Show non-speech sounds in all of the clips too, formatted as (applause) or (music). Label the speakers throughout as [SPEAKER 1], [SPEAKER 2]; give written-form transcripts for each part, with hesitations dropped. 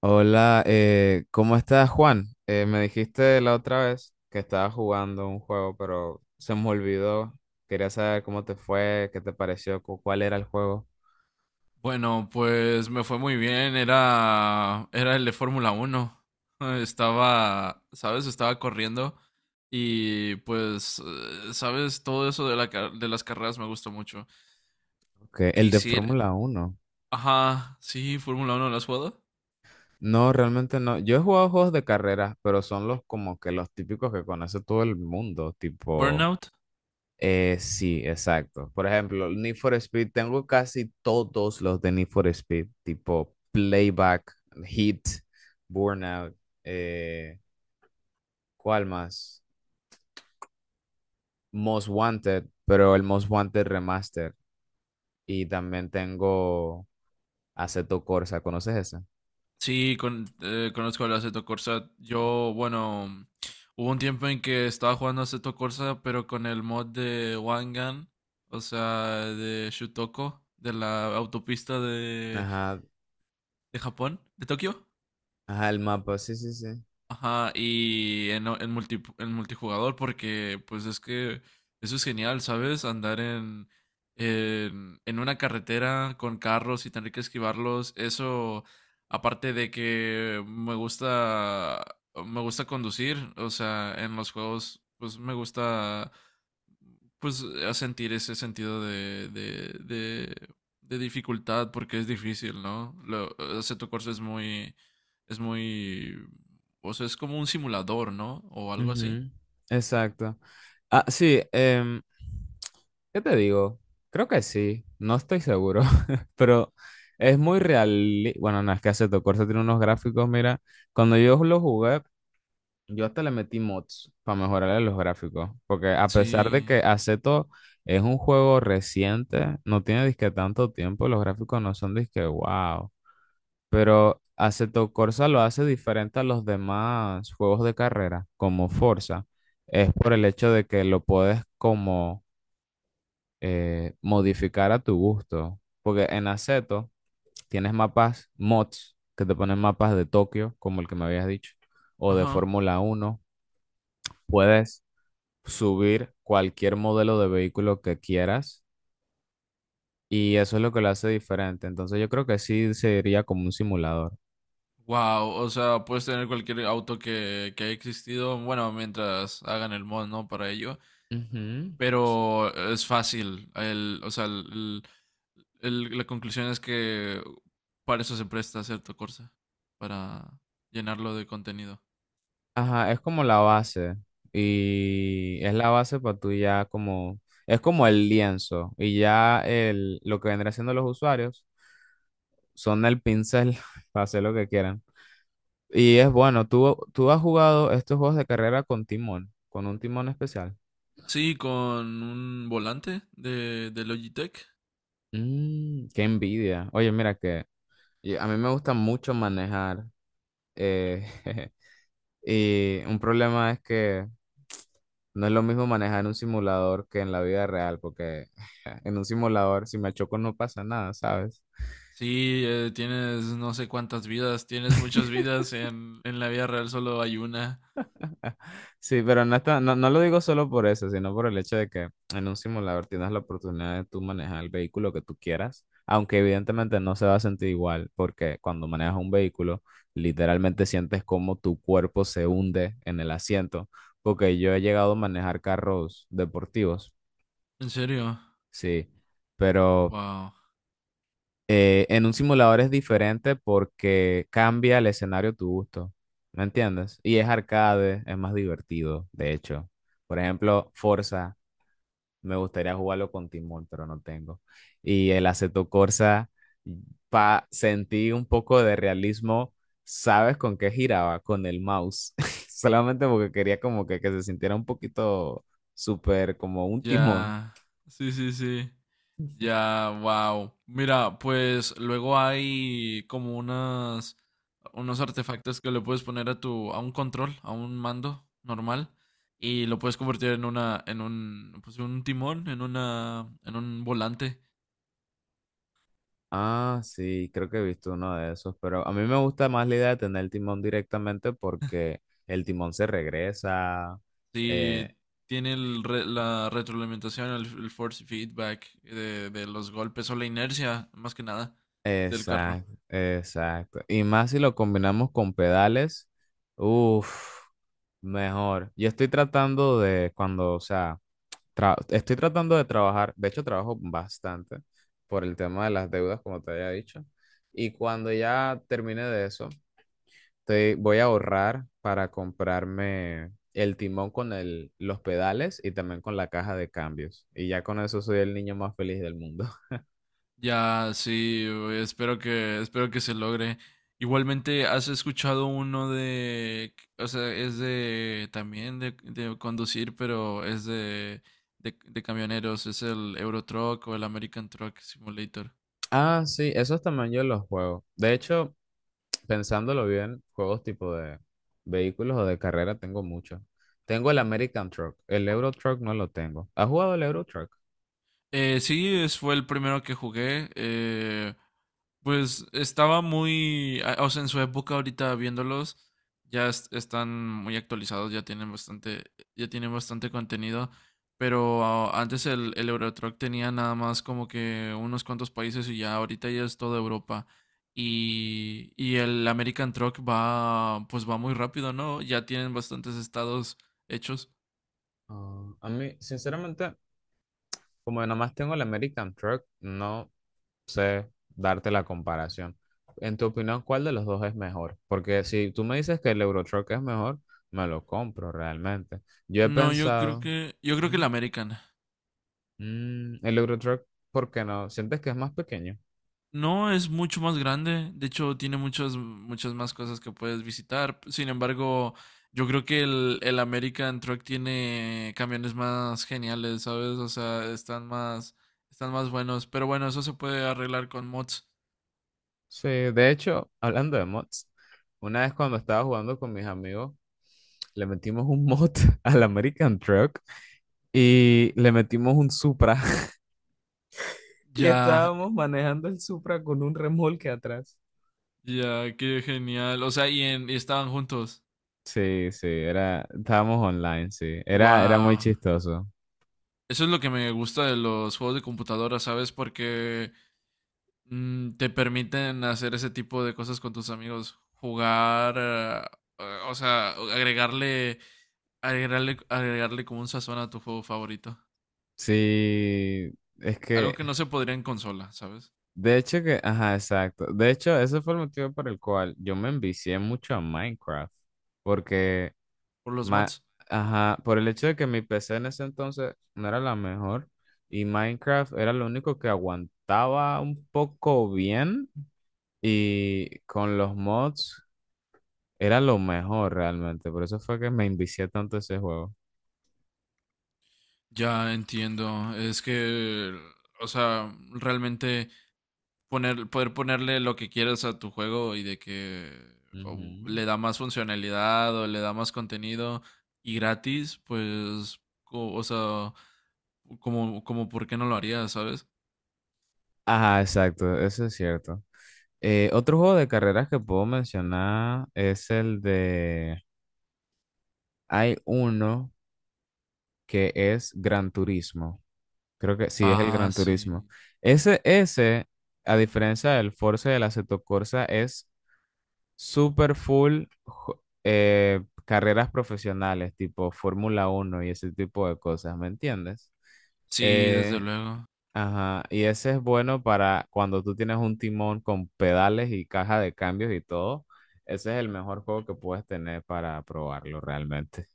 [SPEAKER 1] Hola, ¿cómo estás, Juan? Me dijiste la otra vez que estabas jugando un juego, pero se me olvidó. Quería saber cómo te fue, qué te pareció, cuál era el juego.
[SPEAKER 2] Bueno, pues me fue muy bien. Era el de Fórmula 1. (laughs) Estaba, ¿sabes? Estaba corriendo y pues, ¿sabes? Todo eso de, de las carreras me gustó mucho.
[SPEAKER 1] Ok, el de
[SPEAKER 2] Quisiera...
[SPEAKER 1] Fórmula uno.
[SPEAKER 2] Ajá, sí, Fórmula 1, ¿la has jugado?
[SPEAKER 1] No, realmente no. Yo he jugado juegos de carreras, pero son los como que los típicos que conoce todo el mundo, tipo...
[SPEAKER 2] Burnout.
[SPEAKER 1] sí, exacto. Por ejemplo, el Need for Speed, tengo casi todos los de Need for Speed, tipo Playback, Heat, Burnout. eh, ¿Cuál más? Most Wanted, pero el Most Wanted Remaster. Y también tengo Assetto Corsa, ¿conoces esa?
[SPEAKER 2] Sí, conozco el Assetto Corsa. Yo, bueno, hubo un tiempo en que estaba jugando Assetto Corsa, pero con el mod de Wangan, o sea, de Shutoko, de la autopista de
[SPEAKER 1] Ajá,
[SPEAKER 2] de Japón, de Tokio.
[SPEAKER 1] ajá, el mapa, sí, sí, sí.
[SPEAKER 2] Ajá, en multijugador, porque pues es que eso es genial, ¿sabes? Andar en una carretera con carros y tener que esquivarlos, eso, aparte de que me gusta conducir, o sea, en los juegos, pues me gusta, pues a sentir ese sentido de dificultad, porque es difícil, ¿no? Lo, o sea, tu curso es muy... Es muy o sea, es como un simulador, ¿no? O algo así.
[SPEAKER 1] Ujú, exacto. Ah, sí, ¿qué te digo? Creo que sí, no estoy seguro, (laughs) pero es muy real. Bueno, no, es que Assetto Corsa tiene unos gráficos, mira, cuando yo lo jugué, yo hasta le metí mods para mejorarle los gráficos, porque a pesar de que
[SPEAKER 2] Sí.
[SPEAKER 1] Aceto es un juego reciente, no tiene disque tanto tiempo, los gráficos no son disque wow, pero Aceto Corsa lo hace diferente a los demás juegos de carrera, como Forza, es por el hecho de que lo puedes como modificar a tu gusto, porque en Aceto tienes mapas mods que te ponen mapas de Tokio, como el que me habías dicho, o de
[SPEAKER 2] Ajá.
[SPEAKER 1] Fórmula Uno puedes subir cualquier modelo de vehículo que quieras y eso es lo que lo hace diferente. Entonces yo creo que sí sería como un simulador.
[SPEAKER 2] Wow, o sea, puedes tener cualquier auto que haya existido, bueno, mientras hagan el mod, ¿no? Para ello,
[SPEAKER 1] Ujú.
[SPEAKER 2] pero es fácil. El, o sea, la conclusión es que para eso se presta cierto Corsa, para llenarlo de contenido.
[SPEAKER 1] Ajá, es como la base y es la
[SPEAKER 2] Sí,
[SPEAKER 1] base para tú ya como, es como el lienzo y ya el, lo que vendrá siendo los usuarios son el pincel (laughs) para hacer lo que quieran. Y es bueno, tú has jugado estos juegos de carrera con timón, con un timón especial.
[SPEAKER 2] sí, con un volante de Logitech.
[SPEAKER 1] Mm, qué envidia. Oye, mira que y a mí me gusta mucho manejar. eh, (laughs) y un problema es que no es lo mismo manejar en un simulador que en la vida real, porque (laughs) en un simulador, si me choco, no pasa nada, ¿sabes?
[SPEAKER 2] Sí, tienes no sé cuántas vidas, tienes muchas vidas, en la vida real solo hay una.
[SPEAKER 1] (laughs) Sí, pero no, no, no lo digo solo por eso, sino por el hecho de que en un simulador tienes la oportunidad de tú manejar el vehículo que tú quieras, aunque evidentemente no se va a sentir igual, porque cuando manejas un vehículo, literalmente sientes como tu cuerpo se hunde en el asiento, porque yo he llegado a manejar carros deportivos,
[SPEAKER 2] ¿En serio?
[SPEAKER 1] sí, pero
[SPEAKER 2] Wow.
[SPEAKER 1] en un simulador es diferente porque cambia el escenario a tu gusto, ¿me entiendes? Y es arcade, es más divertido, de hecho. Por ejemplo, Forza, me gustaría jugarlo con Timón, pero no tengo. Y el Assetto Corsa, pa sentí un poco de realismo, ¿sabes con qué giraba? Con el mouse. (laughs) Solamente porque quería como que se sintiera un poquito súper como un timón.
[SPEAKER 2] Ya. Sí, sí, sí. Ya, wow. Mira, pues luego hay como unas unos artefactos que le puedes poner a tu a un control, a un mando normal y lo puedes convertir en una en un pues un timón, en una en un volante.
[SPEAKER 1] Ah, sí, creo que he visto uno de esos, pero a mí me gusta más la idea de tener el timón directamente porque el timón se regresa. eh,
[SPEAKER 2] Sí, tiene el re- la retroalimentación, el force feedback de los golpes o la inercia, más que nada, del carro.
[SPEAKER 1] exacto, exacto. Y más si lo combinamos con pedales, uff, mejor. Yo estoy tratando de, cuando, o sea, estoy tratando de trabajar, de hecho trabajo bastante por el tema de las deudas, como te había dicho. Y cuando ya termine de eso voy a ahorrar para comprarme el timón con los pedales y también con la caja de cambios. Y ya con eso soy el niño más feliz del mundo. (laughs)
[SPEAKER 2] Ya, sí, güey, espero que se logre. Igualmente, ¿has escuchado uno de, o sea, es de, también de conducir, pero es de, de camioneros, es el Euro Truck o el American Truck Simulator?
[SPEAKER 1] Ah, sí, esos también yo los juego. De hecho, pensándolo bien, juegos tipo de vehículos o de carrera tengo muchos. Tengo el American Truck, el Euro Truck no lo tengo. ¿Has jugado el Euro Truck?
[SPEAKER 2] Sí, es- fue el primero que jugué. Pues estaba muy, a- o sea, en su época ahorita viéndolos, ya es- están muy actualizados, ya tienen bastante contenido. Pero antes el Euro Truck tenía nada más como que unos cuantos países y ya ahorita ya es toda Europa. Y el American Truck va, pues va muy rápido, ¿no? Ya tienen bastantes estados hechos.
[SPEAKER 1] Ah, a mí, sinceramente, como nada más tengo el American Truck, no sé darte la comparación. En tu opinión, ¿cuál de los dos es mejor? Porque si tú me dices que el Eurotruck es mejor, me lo compro realmente. Yo he
[SPEAKER 2] No,
[SPEAKER 1] pensado,
[SPEAKER 2] yo creo que el
[SPEAKER 1] ujú,
[SPEAKER 2] American.
[SPEAKER 1] mm, el Eurotruck, ¿por qué no? ¿Sientes que es más pequeño?
[SPEAKER 2] No, es mucho más grande. De hecho, tiene muchas, muchas más cosas que puedes visitar. Sin embargo, yo creo que el American Truck tiene camiones más geniales, ¿sabes? O sea, están más buenos. Pero bueno, eso se puede arreglar con mods.
[SPEAKER 1] Sí, de hecho, (laughs) hablando de mods, una vez cuando estaba jugando con mis amigos, le metimos un mod (laughs) al American Truck y le metimos un Supra (laughs) y
[SPEAKER 2] Ya,
[SPEAKER 1] estábamos manejando el Supra con un remolque atrás.
[SPEAKER 2] ya, qué genial. O sea, y estaban juntos.
[SPEAKER 1] Sí, sí, era, estábamos online, sí. Era, era muy
[SPEAKER 2] Wow.
[SPEAKER 1] chistoso.
[SPEAKER 2] Eso es lo que me gusta de los juegos de computadora, ¿sabes? Porque mm, te permiten hacer ese tipo de cosas con tus amigos, jugar, o sea, agregarle, agregarle, agregarle como un sazón a tu juego favorito.
[SPEAKER 1] Sí, es
[SPEAKER 2] Algo
[SPEAKER 1] que,
[SPEAKER 2] que no se podría en consola, ¿sabes?
[SPEAKER 1] de hecho que, ajá, exacto. De hecho, ese fue el motivo por el cual yo me envicié mucho a Minecraft. Porque,
[SPEAKER 2] Por los
[SPEAKER 1] ma-
[SPEAKER 2] mods.
[SPEAKER 1] ajá, por el hecho de que mi PC en ese entonces no era la mejor y Minecraft era lo único que aguantaba un poco bien y con los mods era lo mejor realmente. Por eso fue que me envicié tanto a ese juego.
[SPEAKER 2] Ya entiendo, es que, o sea, realmente poner, poder ponerle lo que quieras a tu juego y de que o
[SPEAKER 1] Ujú.
[SPEAKER 2] le da más funcionalidad o le da más contenido y gratis, pues, co- o sea, como, como, ¿por qué no lo haría, sabes?
[SPEAKER 1] Ajá, exacto, eso es cierto. Otro juego de carreras que puedo mencionar es el de... Hay uno que es Gran Turismo. Creo que sí es el
[SPEAKER 2] Ah,
[SPEAKER 1] Gran Turismo.
[SPEAKER 2] sí.
[SPEAKER 1] Ese, a diferencia del Forza y del Assetto Corsa, es super full carreras profesionales, tipo Fórmula Uno y ese tipo de cosas, ¿me entiendes?
[SPEAKER 2] Sí, desde
[SPEAKER 1] Eh,
[SPEAKER 2] luego.
[SPEAKER 1] Ajá, y ese es bueno para cuando tú tienes un timón con pedales y caja de cambios y todo. Ese es el mejor juego que puedes tener para probarlo realmente.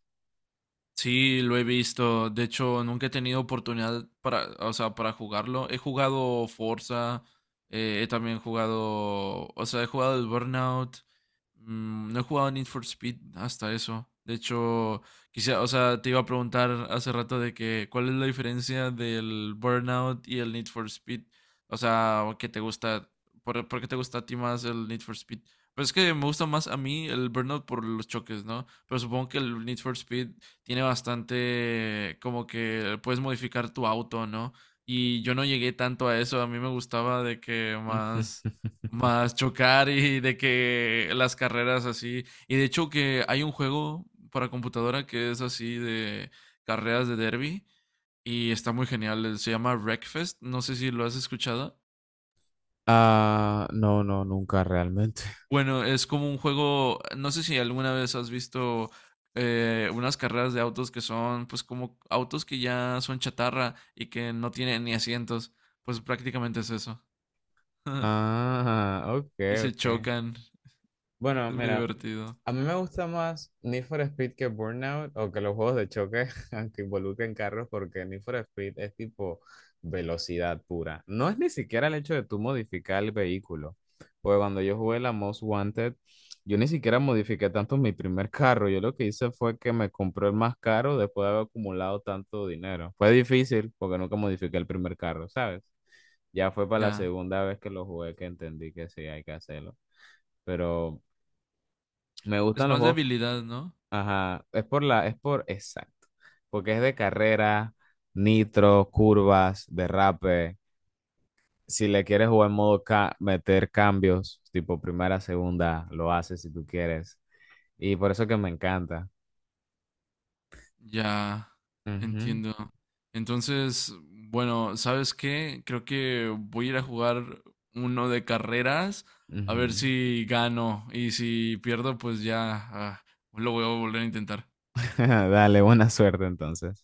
[SPEAKER 2] Sí, lo he visto. De hecho, nunca he tenido oportunidad para, o sea, para jugarlo. He jugado Forza, he también jugado, o sea, he jugado el Burnout. Mm, no he jugado Need for Speed hasta eso. De hecho, quizá, o sea, te iba a preguntar hace rato de que cuál es la diferencia del Burnout y el Need for Speed. O sea, ¿qué te gusta? ¿Por qué te gusta a ti más el Need for Speed? Pues es que me gusta más a mí el Burnout por los choques, ¿no? Pero supongo que el Need for Speed tiene bastante como que puedes modificar tu auto, ¿no? Y yo no llegué tanto a eso, a mí me gustaba de que más,
[SPEAKER 1] (laughs)
[SPEAKER 2] más chocar y de que las carreras así. Y de hecho que hay un juego para computadora que es así de carreras de derby y está muy genial, se llama Wreckfest, no sé si lo has escuchado.
[SPEAKER 1] Ah, no, no, nunca realmente.
[SPEAKER 2] Bueno, es como un juego, no sé si alguna vez has visto unas carreras de autos que son pues como autos que ya son chatarra y que no tienen ni asientos, pues prácticamente es eso. (laughs)
[SPEAKER 1] Ah, ok,
[SPEAKER 2] Y se
[SPEAKER 1] ok.
[SPEAKER 2] chocan,
[SPEAKER 1] Bueno,
[SPEAKER 2] es muy
[SPEAKER 1] mira,
[SPEAKER 2] divertido.
[SPEAKER 1] a mí me gusta más Need for Speed que Burnout o que los juegos de choque (laughs) aunque involucren carros porque Need for Speed es tipo velocidad pura. No es ni siquiera el hecho de tú modificar el vehículo. Porque cuando yo jugué la Most Wanted, yo ni siquiera modifiqué tanto mi primer carro. Yo lo que hice fue que me compré el más caro después de haber acumulado tanto dinero. Fue difícil porque nunca modifiqué el primer carro, ¿sabes? Ya fue para la
[SPEAKER 2] Ya,
[SPEAKER 1] segunda vez que lo jugué que entendí que sí hay que hacerlo. Pero me
[SPEAKER 2] es
[SPEAKER 1] gustan los
[SPEAKER 2] más de
[SPEAKER 1] juegos.
[SPEAKER 2] habilidad, ¿no?
[SPEAKER 1] Ajá. Es por, exacto. Porque es de carrera, nitro, curvas, derrape. Si le quieres jugar en modo meter cambios, tipo primera, segunda, lo haces si tú quieres. Y por eso que me encanta.
[SPEAKER 2] Ya,
[SPEAKER 1] Ujú,
[SPEAKER 2] entiendo. Entonces, bueno, ¿sabes qué? Creo que voy a ir a jugar uno de carreras, a ver
[SPEAKER 1] ujú.
[SPEAKER 2] si gano y si pierdo, pues ya, lo voy a volver a intentar.
[SPEAKER 1] (laughs) Dale, buena suerte entonces.